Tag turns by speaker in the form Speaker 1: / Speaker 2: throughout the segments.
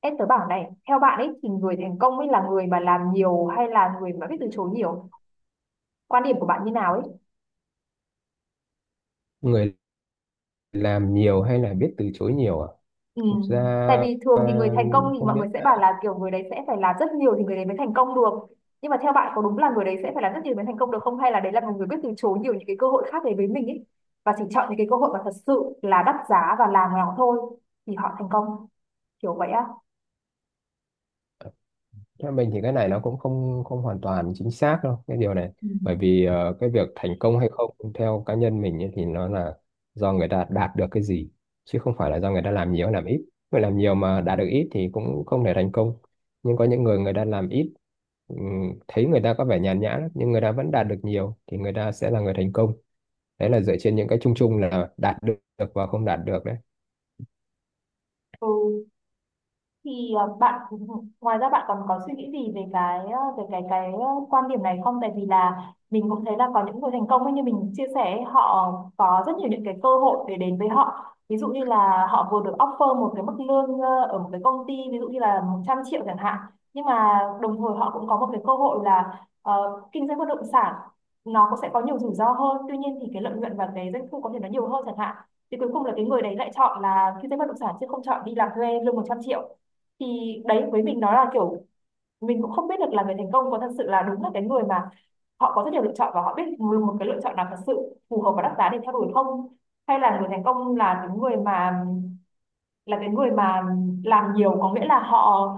Speaker 1: Em tớ bảo này, theo bạn ấy thì người thành công ấy là người mà làm nhiều hay là người mà biết từ chối nhiều? Quan điểm của bạn như nào ấy?
Speaker 2: Người làm nhiều hay là biết từ chối nhiều à?
Speaker 1: Ừ.
Speaker 2: Thực ra
Speaker 1: Tại vì
Speaker 2: à,
Speaker 1: thường thì người thành công thì
Speaker 2: không
Speaker 1: mọi
Speaker 2: biết.
Speaker 1: người sẽ bảo là kiểu người đấy sẽ phải làm rất nhiều thì người đấy mới thành công được. Nhưng mà theo bạn có đúng là người đấy sẽ phải làm rất nhiều mới thành công được không? Hay là đấy là một người biết từ chối nhiều những cái cơ hội khác đến với mình ấy? Và chỉ chọn những cái cơ hội mà thật sự là đắt giá và làm nó thôi thì họ thành công. Kiểu vậy á.
Speaker 2: Theo mình thì cái này nó cũng không không hoàn toàn chính xác đâu cái điều này.
Speaker 1: Ừ.
Speaker 2: Bởi vì cái việc thành công hay không theo cá nhân mình ấy, thì nó là do người ta đạt được cái gì, chứ không phải là do người ta làm nhiều hay làm ít. Người làm nhiều mà đạt được ít thì cũng không thể thành công, nhưng có những người người ta làm ít, thấy người ta có vẻ nhàn nhã lắm, nhưng người ta vẫn đạt được nhiều thì người ta sẽ là người thành công. Đấy là dựa trên những cái chung chung là đạt được và không đạt được đấy.
Speaker 1: Ừ. thì ờ, bạn ngoài ra bạn còn có suy nghĩ gì về cái ờ, quan điểm này không, tại vì là mình cũng thấy là có những người thành công ấy, như mình chia sẻ ấy, họ có rất nhiều những cái cơ hội để đến với họ, ví dụ như là họ vừa được offer một cái mức lương ở một cái công ty, ví dụ như là 100 triệu chẳng hạn, nhưng mà đồng thời họ cũng có một cái cơ hội là kinh doanh bất động sản. Nó cũng sẽ có nhiều rủi ro hơn, tuy nhiên thì cái lợi nhuận và cái doanh thu có thể nó nhiều hơn chẳng hạn, thì cuối cùng là cái người đấy lại chọn là kinh doanh bất động sản chứ không chọn đi làm thuê lương 100 triệu. Thì đấy, với mình nó là kiểu mình cũng không biết được là người thành công có thật sự là đúng là cái người mà họ có rất nhiều lựa chọn và họ biết một một cái lựa chọn nào thật sự phù hợp và đắt giá để theo đuổi không, hay là người thành công là cái người mà làm nhiều, có nghĩa là họ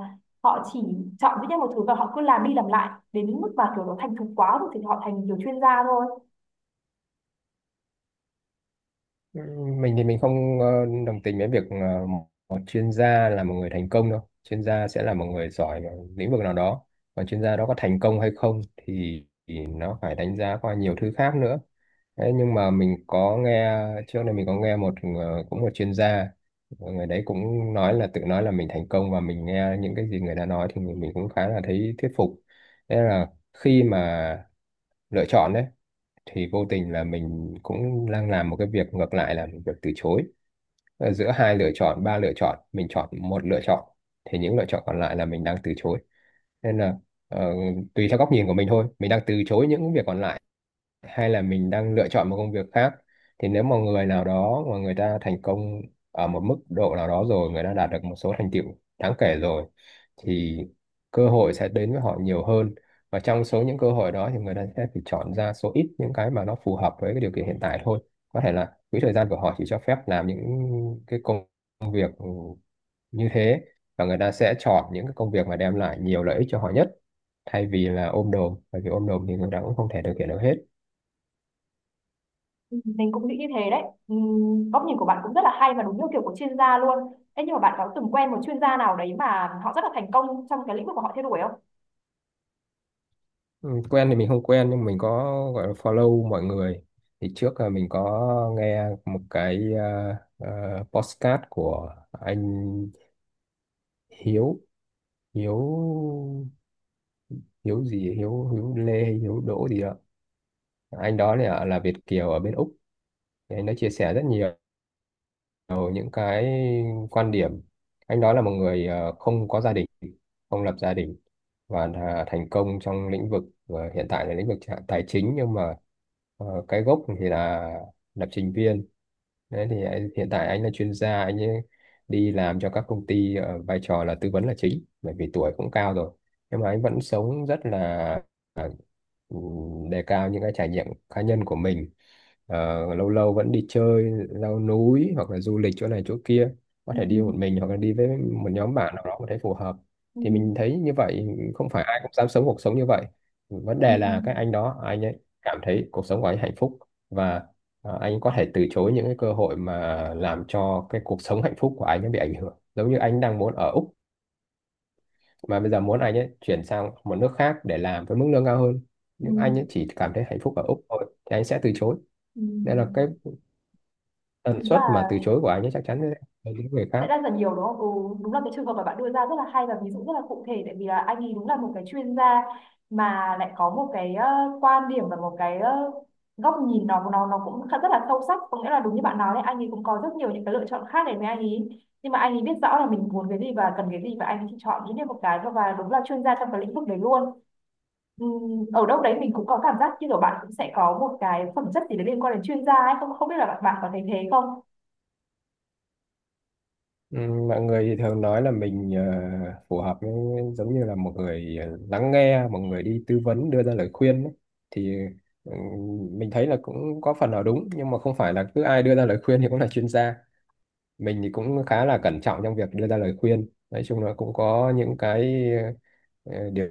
Speaker 1: họ chỉ chọn duy nhất một thứ và họ cứ làm đi làm lại đến mức mà kiểu nó thành thục quá rồi thì họ thành kiểu chuyên gia thôi.
Speaker 2: Ừ, mình thì mình không đồng tình với việc một một chuyên gia là một người thành công đâu. Chuyên gia sẽ là một người giỏi ở lĩnh vực nào đó, còn chuyên gia đó có thành công hay không thì nó phải đánh giá qua nhiều thứ khác nữa. Thế nhưng mà mình có nghe, trước đây mình có nghe một cũng một chuyên gia, người đấy cũng nói là tự nói là mình thành công, và mình nghe những cái gì người ta nói thì mình cũng khá là thấy thuyết phục. Thế là khi mà lựa chọn đấy, thì vô tình là mình cũng đang làm một cái việc ngược lại là việc từ chối. Ờ, giữa hai lựa chọn, ba lựa chọn mình chọn một lựa chọn, thì những lựa chọn còn lại là mình đang từ chối. Nên là ờ, tùy theo góc nhìn của mình thôi, mình đang từ chối những việc còn lại hay là mình đang lựa chọn một công việc khác. Thì nếu mà người nào đó mà người ta thành công ở một mức độ nào đó rồi, người ta đạt được một số thành tựu đáng kể rồi, thì cơ hội sẽ đến với họ nhiều hơn, và trong số những cơ hội đó thì người ta sẽ phải chọn ra số ít những cái mà nó phù hợp với cái điều kiện hiện tại thôi. Có thể là quỹ thời gian của họ chỉ cho phép làm những cái công việc như thế, và người ta sẽ chọn những cái công việc mà đem lại nhiều lợi ích cho họ nhất, thay vì là ôm đồm, bởi vì ôm đồm thì người ta cũng không thể thực hiện được hết.
Speaker 1: Ừ, mình cũng nghĩ như thế đấy. Góc nhìn của bạn cũng rất là hay và đúng như kiểu của chuyên gia luôn. Thế nhưng mà bạn có từng quen một chuyên gia nào đấy mà họ rất là thành công trong cái lĩnh vực của họ theo đuổi không?
Speaker 2: Ừ, quen thì mình không quen, nhưng mình có gọi là follow mọi người. Thì trước là mình có nghe một cái podcast của anh Hiếu. Hiếu Hiếu gì ấy? Hiếu Hiếu Lê hay Hiếu Đỗ gì đó. Anh đó là Việt kiều ở bên Úc. Thì anh đã chia sẻ rất nhiều những cái quan điểm. Anh đó là một người không có gia đình, không lập gia đình, và là thành công trong lĩnh vực hiện tại là lĩnh vực tài chính, nhưng mà cái gốc thì là lập trình viên. Đấy thì hiện tại anh là chuyên gia, anh ấy đi làm cho các công ty ở vai trò là tư vấn là chính, bởi vì tuổi cũng cao rồi. Nhưng mà anh vẫn sống rất là à, ừ, đề cao những cái trải nghiệm cá nhân của mình. Ờ, lâu lâu vẫn đi chơi, leo núi hoặc là du lịch chỗ này chỗ kia. Có
Speaker 1: Ừ,
Speaker 2: thể đi một mình hoặc là đi với một nhóm bạn nào đó mà thấy phù hợp.
Speaker 1: ừ,
Speaker 2: Thì mình thấy như vậy, không phải ai cũng dám sống cuộc sống như vậy. Vấn
Speaker 1: ừ,
Speaker 2: đề là cái anh đó, anh ấy cảm thấy cuộc sống của anh hạnh phúc, và anh có thể từ chối những cái cơ hội mà làm cho cái cuộc sống hạnh phúc của anh nó bị ảnh hưởng. Giống như anh đang muốn ở Úc mà bây giờ muốn anh ấy chuyển sang một nước khác để làm với mức lương cao hơn,
Speaker 1: ừ,
Speaker 2: nhưng anh ấy chỉ cảm thấy hạnh phúc ở Úc thôi thì anh sẽ từ chối.
Speaker 1: ừ.
Speaker 2: Nên là cái tần
Speaker 1: Đúng
Speaker 2: suất mà
Speaker 1: là
Speaker 2: từ chối của anh ấy chắc chắn sẽ hơn những người
Speaker 1: sẽ
Speaker 2: khác.
Speaker 1: rất là nhiều đúng không? Ừ, đúng là cái trường hợp mà bạn đưa ra rất là hay và ví dụ rất là cụ thể, tại vì là anh ấy đúng là một cái chuyên gia mà lại có một cái quan điểm và một cái góc nhìn nó cũng khá- rất là sâu sắc, có nghĩa là đúng như bạn nói đấy, anh ấy cũng có rất nhiều những cái lựa chọn khác, để với anh ấy nhưng mà anh ấy biết rõ là mình muốn cái gì và cần cái gì, và anh ấy chỉ chọn duy nhất một cái thôi và đúng là chuyên gia trong cái lĩnh vực đấy luôn. Ở đâu đấy mình cũng có cảm giác như kiểu bạn cũng sẽ có một cái phẩm chất gì đấy liên quan đến chuyên gia ấy không, không biết là bạn có thấy thế không.
Speaker 2: Ừ, mọi người thì thường nói là mình phù hợp với, giống như là một người lắng nghe, một người đi tư vấn đưa ra lời khuyên ấy. Thì ừ, mình thấy là cũng có phần nào đúng, nhưng mà không phải là cứ ai đưa ra lời khuyên thì cũng là chuyên gia. Mình thì cũng khá là cẩn trọng trong việc đưa ra lời khuyên. Nói chung là cũng có những cái điều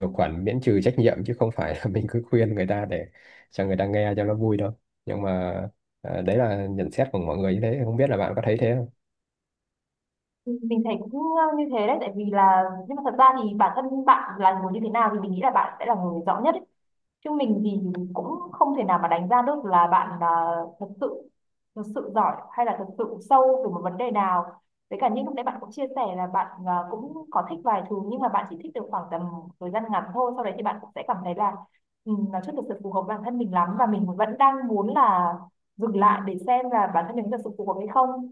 Speaker 2: điều khoản miễn trừ trách nhiệm, chứ không phải là mình cứ khuyên người ta để cho người ta nghe cho nó vui đâu. Nhưng mà đấy là nhận xét của mọi người như thế. Không biết là bạn có thấy thế.
Speaker 1: Mình thấy cũng như thế đấy, tại vì là nhưng mà thật ra thì bản thân bạn là người như thế nào thì mình nghĩ là bạn sẽ là người rõ nhất ấy, chứ mình thì cũng không thể nào mà đánh giá được là thật sự thật sự giỏi hay là thật sự sâu về một vấn đề nào. Với cả như lúc nãy bạn cũng chia sẻ là bạn cũng có thích vài thứ nhưng mà bạn chỉ thích được khoảng tầm thời gian ngắn thôi, sau đấy thì bạn cũng sẽ cảm thấy là ừ, nó chưa thực sự phù hợp bản thân mình lắm và mình vẫn đang muốn là dừng lại để xem là bản thân mình thật sự phù hợp hay không.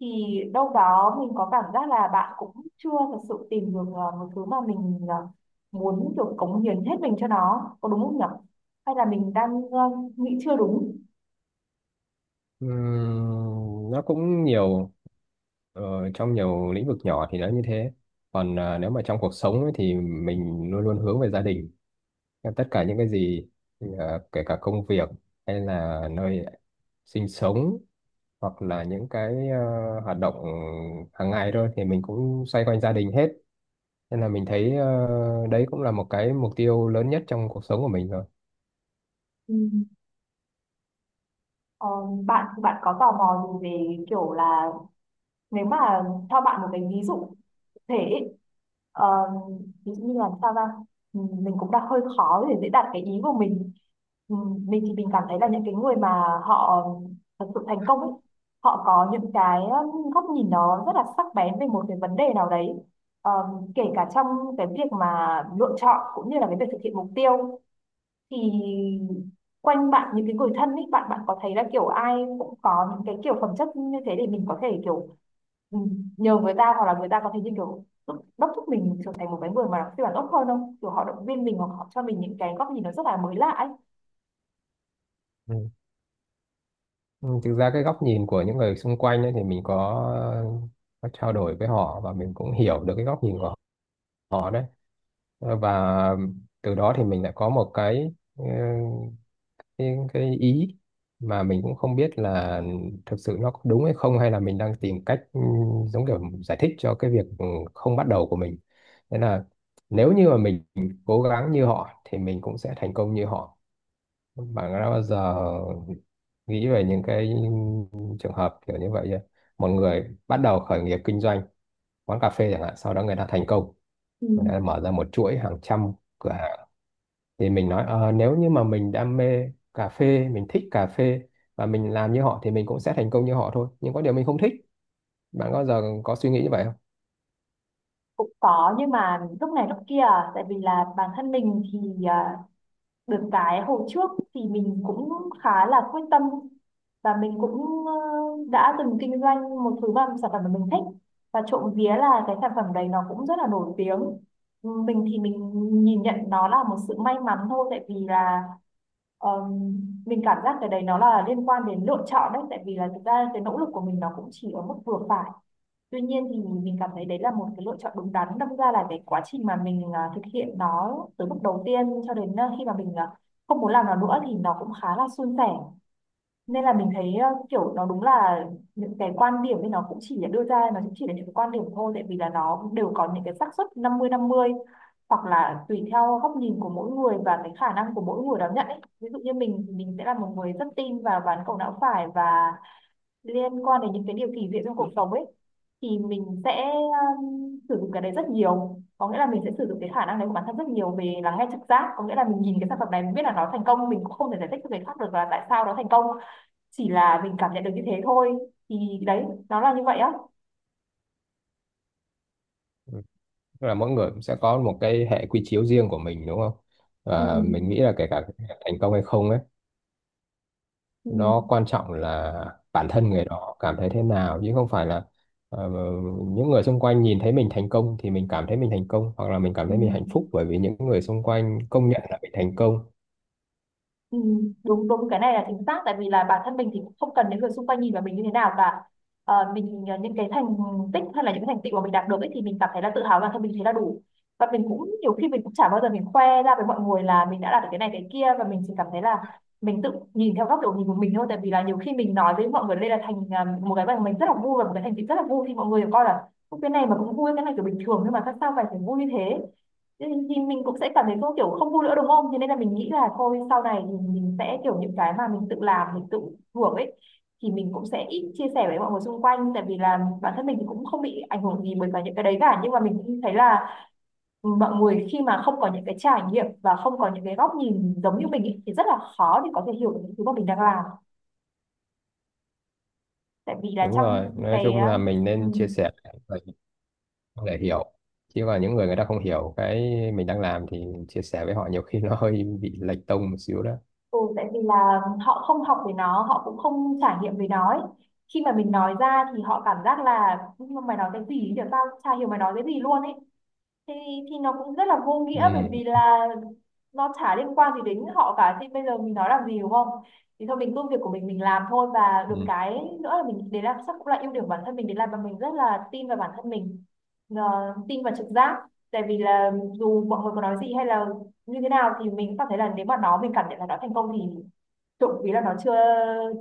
Speaker 1: Thì đâu đó mình có cảm giác là bạn cũng chưa thật sự tìm được một thứ mà mình muốn kiểu cống hiến hết mình cho nó, có đúng không nhỉ, hay là mình đang nghĩ chưa đúng.
Speaker 2: Ừm, nó cũng nhiều ờ, trong nhiều lĩnh vực nhỏ thì nó như thế, còn à, nếu mà trong cuộc sống ấy, thì mình luôn luôn hướng về gia đình. Em tất cả những cái gì, kể cả công việc hay là nơi sinh sống, hoặc là những cái hoạt động hàng ngày thôi, thì mình cũng xoay quanh gia đình hết. Nên là mình thấy đấy cũng là một cái mục tiêu lớn nhất trong cuộc sống của mình.
Speaker 1: Ừ. Ờ, bạn bạn có tò mò gì về kiểu là nếu mà cho bạn một cái ví dụ cụ thể ấy, ờ, ví dụ như là sao ra mình cũng đang hơi khó để dễ đạt cái ý của mình. Ừ, mình thì mình cảm thấy là những cái người mà họ thật sự thành công ấy, họ có những cái góc nhìn nó rất là sắc bén về một cái vấn đề nào đấy. Ờ, kể cả trong cái việc mà lựa chọn cũng như là cái việc thực hiện mục tiêu, thì quanh bạn những cái người thân ấy, bạn bạn có thấy là kiểu ai cũng có những cái kiểu phẩm chất như thế để mình có thể kiểu ừ, nhờ người ta, hoặc là người ta có thể như kiểu đốc đốc thúc mình trở thành một cái người mà phiên bản tốt hơn không, kiểu họ động viên mình hoặc họ cho mình những cái góc nhìn nó rất là mới lạ ấy.
Speaker 2: Rồi. Ừ, thực ra cái góc nhìn của những người xung quanh ấy, thì mình có trao đổi với họ, và mình cũng hiểu được cái góc nhìn của họ đấy. Ờ, và từ đó thì mình lại có một cái cái ý mà mình cũng không biết là thực sự nó có đúng hay không, hay là mình đang tìm cách giống kiểu giải thích cho cái việc không bắt đầu của mình. Nên là nếu như mà mình cố gắng như họ thì mình cũng sẽ thành công như họ. Và nó bao giờ nghĩ về những cái trường hợp kiểu như vậy nhá. Một người bắt đầu khởi nghiệp kinh doanh quán cà phê chẳng hạn, sau đó người ta thành công,
Speaker 1: Ừ.
Speaker 2: người ta mở ra một chuỗi hàng trăm cửa hàng, thì mình nói "Ờ, nếu như mà mình đam mê cà phê, mình thích cà phê và mình làm như họ thì mình cũng sẽ thành công như họ thôi, nhưng có điều mình không thích." Bạn có giờ có suy nghĩ như vậy không?
Speaker 1: Cũng có nhưng mà lúc này lúc kia, tại vì là bản thân mình thì được cái hồi trước thì mình cũng khá là quyết tâm và mình cũng đã từng kinh doanh một thứ mà sản phẩm mà mình thích, và trộm vía là cái sản phẩm đấy nó cũng rất là nổi tiếng. Ừ, mình thì mình nhìn nhận nó là một sự may mắn thôi, tại vì là ờm, mình cảm giác cái đấy nó là liên quan đến lựa chọn đấy, tại vì là thực ra cái nỗ lực của mình nó cũng chỉ ở mức vừa phải. Tuy nhiên thì mình cảm thấy đấy là một cái lựa chọn đúng đắn. Đâm ra là cái quá trình mà mình thực hiện nó từ bước đầu tiên cho đến khi mà mình không muốn làm nó nữa thì nó cũng khá là suôn sẻ. Nên là mình thấy kiểu nó đúng là những cái quan điểm thì nó cũng chỉ là đưa ra, nó cũng chỉ là những cái quan điểm thôi. Tại vì là nó cũng đều có những cái xác suất 50-50, hoặc là tùy theo góc nhìn của mỗi người và cái khả năng của mỗi người đón nhận ấy. Ví dụ như mình thì mình sẽ là một người rất tin vào ván cầu não phải và liên quan đến những cái điều kỳ diệu trong cuộc sống ấy, thì mình sẽ sử dụng cái đấy rất nhiều, có nghĩa là mình sẽ sử dụng cái khả năng đấy của bản thân rất nhiều về lắng nghe trực giác, có nghĩa là mình nhìn cái sản phẩm này mình biết là nó thành công, mình cũng không thể giải thích cho người khác được là tại sao nó thành công, chỉ là mình cảm nhận được như thế thôi. Thì đấy, nó là như vậy á.
Speaker 2: Tức là mỗi người cũng sẽ có một cái hệ quy chiếu riêng của mình đúng không?
Speaker 1: Ừ.
Speaker 2: Và mình nghĩ là kể cả thành công hay không ấy,
Speaker 1: Ừ.
Speaker 2: nó quan trọng là bản thân người đó cảm thấy thế nào, chứ không phải là ờ, những người xung quanh nhìn thấy mình thành công thì mình cảm thấy mình thành công, hoặc là mình cảm
Speaker 1: Ừ.
Speaker 2: thấy mình hạnh phúc bởi vì những người xung quanh công nhận là mình thành công.
Speaker 1: Ừ, đúng đúng, cái này là chính xác, tại vì là bản thân mình thì cũng không cần đến người xung quanh nhìn vào mình như thế nào cả. Những cái thành tích hay là những cái thành tựu mà mình đạt được ấy, thì mình cảm thấy là tự hào bản thân mình thấy là đủ. Và mình cũng nhiều khi mình cũng chả bao giờ mình khoe ra với mọi người là mình đã đạt được cái này cái kia, và mình chỉ cảm thấy là mình tự nhìn theo góc độ nhìn của mình thôi, tại vì là nhiều khi mình nói với mọi người đây là một cái mà mình rất là vui và một cái thành tựu rất là vui, thì mọi người coi là "Ôi, cái này mà cũng vui, cái này kiểu bình thường nhưng mà tại sao phải phải vui như thế". Thế thì mình cũng sẽ cảm thấy không kiểu không vui nữa đúng không? Thế nên là mình nghĩ là thôi sau này thì mình sẽ kiểu những cái mà mình tự làm mình tự hưởng ấy, thì mình cũng sẽ ít chia sẻ với mọi người xung quanh, tại vì là bản thân mình thì cũng không bị ảnh hưởng gì bởi cả những cái đấy cả, nhưng mà mình cũng thấy là mọi người khi mà không có những cái trải nghiệm và không có những cái góc nhìn giống như mình ấy, thì rất là khó để có thể hiểu được những thứ mà mình đang làm, tại vì là
Speaker 2: Đúng rồi,
Speaker 1: trong
Speaker 2: nói
Speaker 1: cái
Speaker 2: chung là mình
Speaker 1: ừ,
Speaker 2: nên chia sẻ để để hiểu, chứ còn những người người ta không hiểu cái mình đang làm thì chia sẻ với họ nhiều khi nó hơi bị lệch tông một xíu đó.
Speaker 1: ừ, tại vì là họ không học về nó, họ cũng không trải nghiệm về nó ấy. Khi mà mình nói ra thì họ cảm giác là "Nhưng mà mày nói cái gì được, tao chả hiểu mày nói cái gì luôn ấy". Thì nó cũng rất là vô nghĩa, bởi vì
Speaker 2: Ừ.
Speaker 1: là nó chả liên quan gì đến họ cả thì bây giờ mình nói làm gì đúng không. Thì thôi mình cứ việc của mình làm thôi, và được
Speaker 2: Ừ.
Speaker 1: cái nữa là mình để làm chắc cũng là ưu điểm của bản thân mình, để làm mà mình rất là tin vào bản thân mình. Ờ, tin vào trực giác, tại vì là dù mọi người có nói gì hay là như thế nào thì mình cũng cảm thấy là nếu mà nó mình cảm nhận là nó thành công thì trộm vía là nó chưa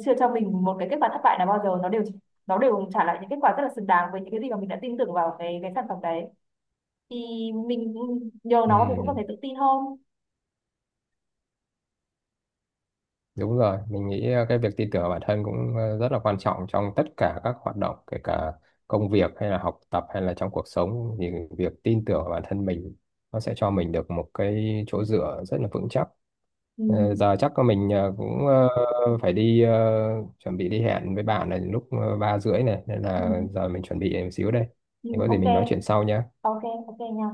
Speaker 1: chưa cho mình một cái kết quả thất bại nào bao giờ, nó đều trả lại những kết quả rất là xứng đáng với những cái gì mà mình đã tin tưởng vào cái sản phẩm đấy. Thì mình nhờ
Speaker 2: Ừ.
Speaker 1: nó thì cũng cảm thấy tự tin hơn.
Speaker 2: Đúng rồi, mình nghĩ cái việc tin tưởng vào bản thân cũng rất là quan trọng trong tất cả các hoạt động, kể cả công việc hay là học tập hay là trong cuộc sống, thì việc tin tưởng vào bản thân mình nó sẽ cho mình được một cái chỗ dựa rất là vững chắc.
Speaker 1: Ừ.
Speaker 2: Ờ, giờ chắc là mình phải đi chuẩn bị đi hẹn với bạn này lúc 3:30 này, nên
Speaker 1: Ừ.
Speaker 2: là giờ mình chuẩn bị một xíu đây.
Speaker 1: Ừ.
Speaker 2: Thì có gì
Speaker 1: Ok,
Speaker 2: mình nói chuyện sau nhé.
Speaker 1: ok, ok nha.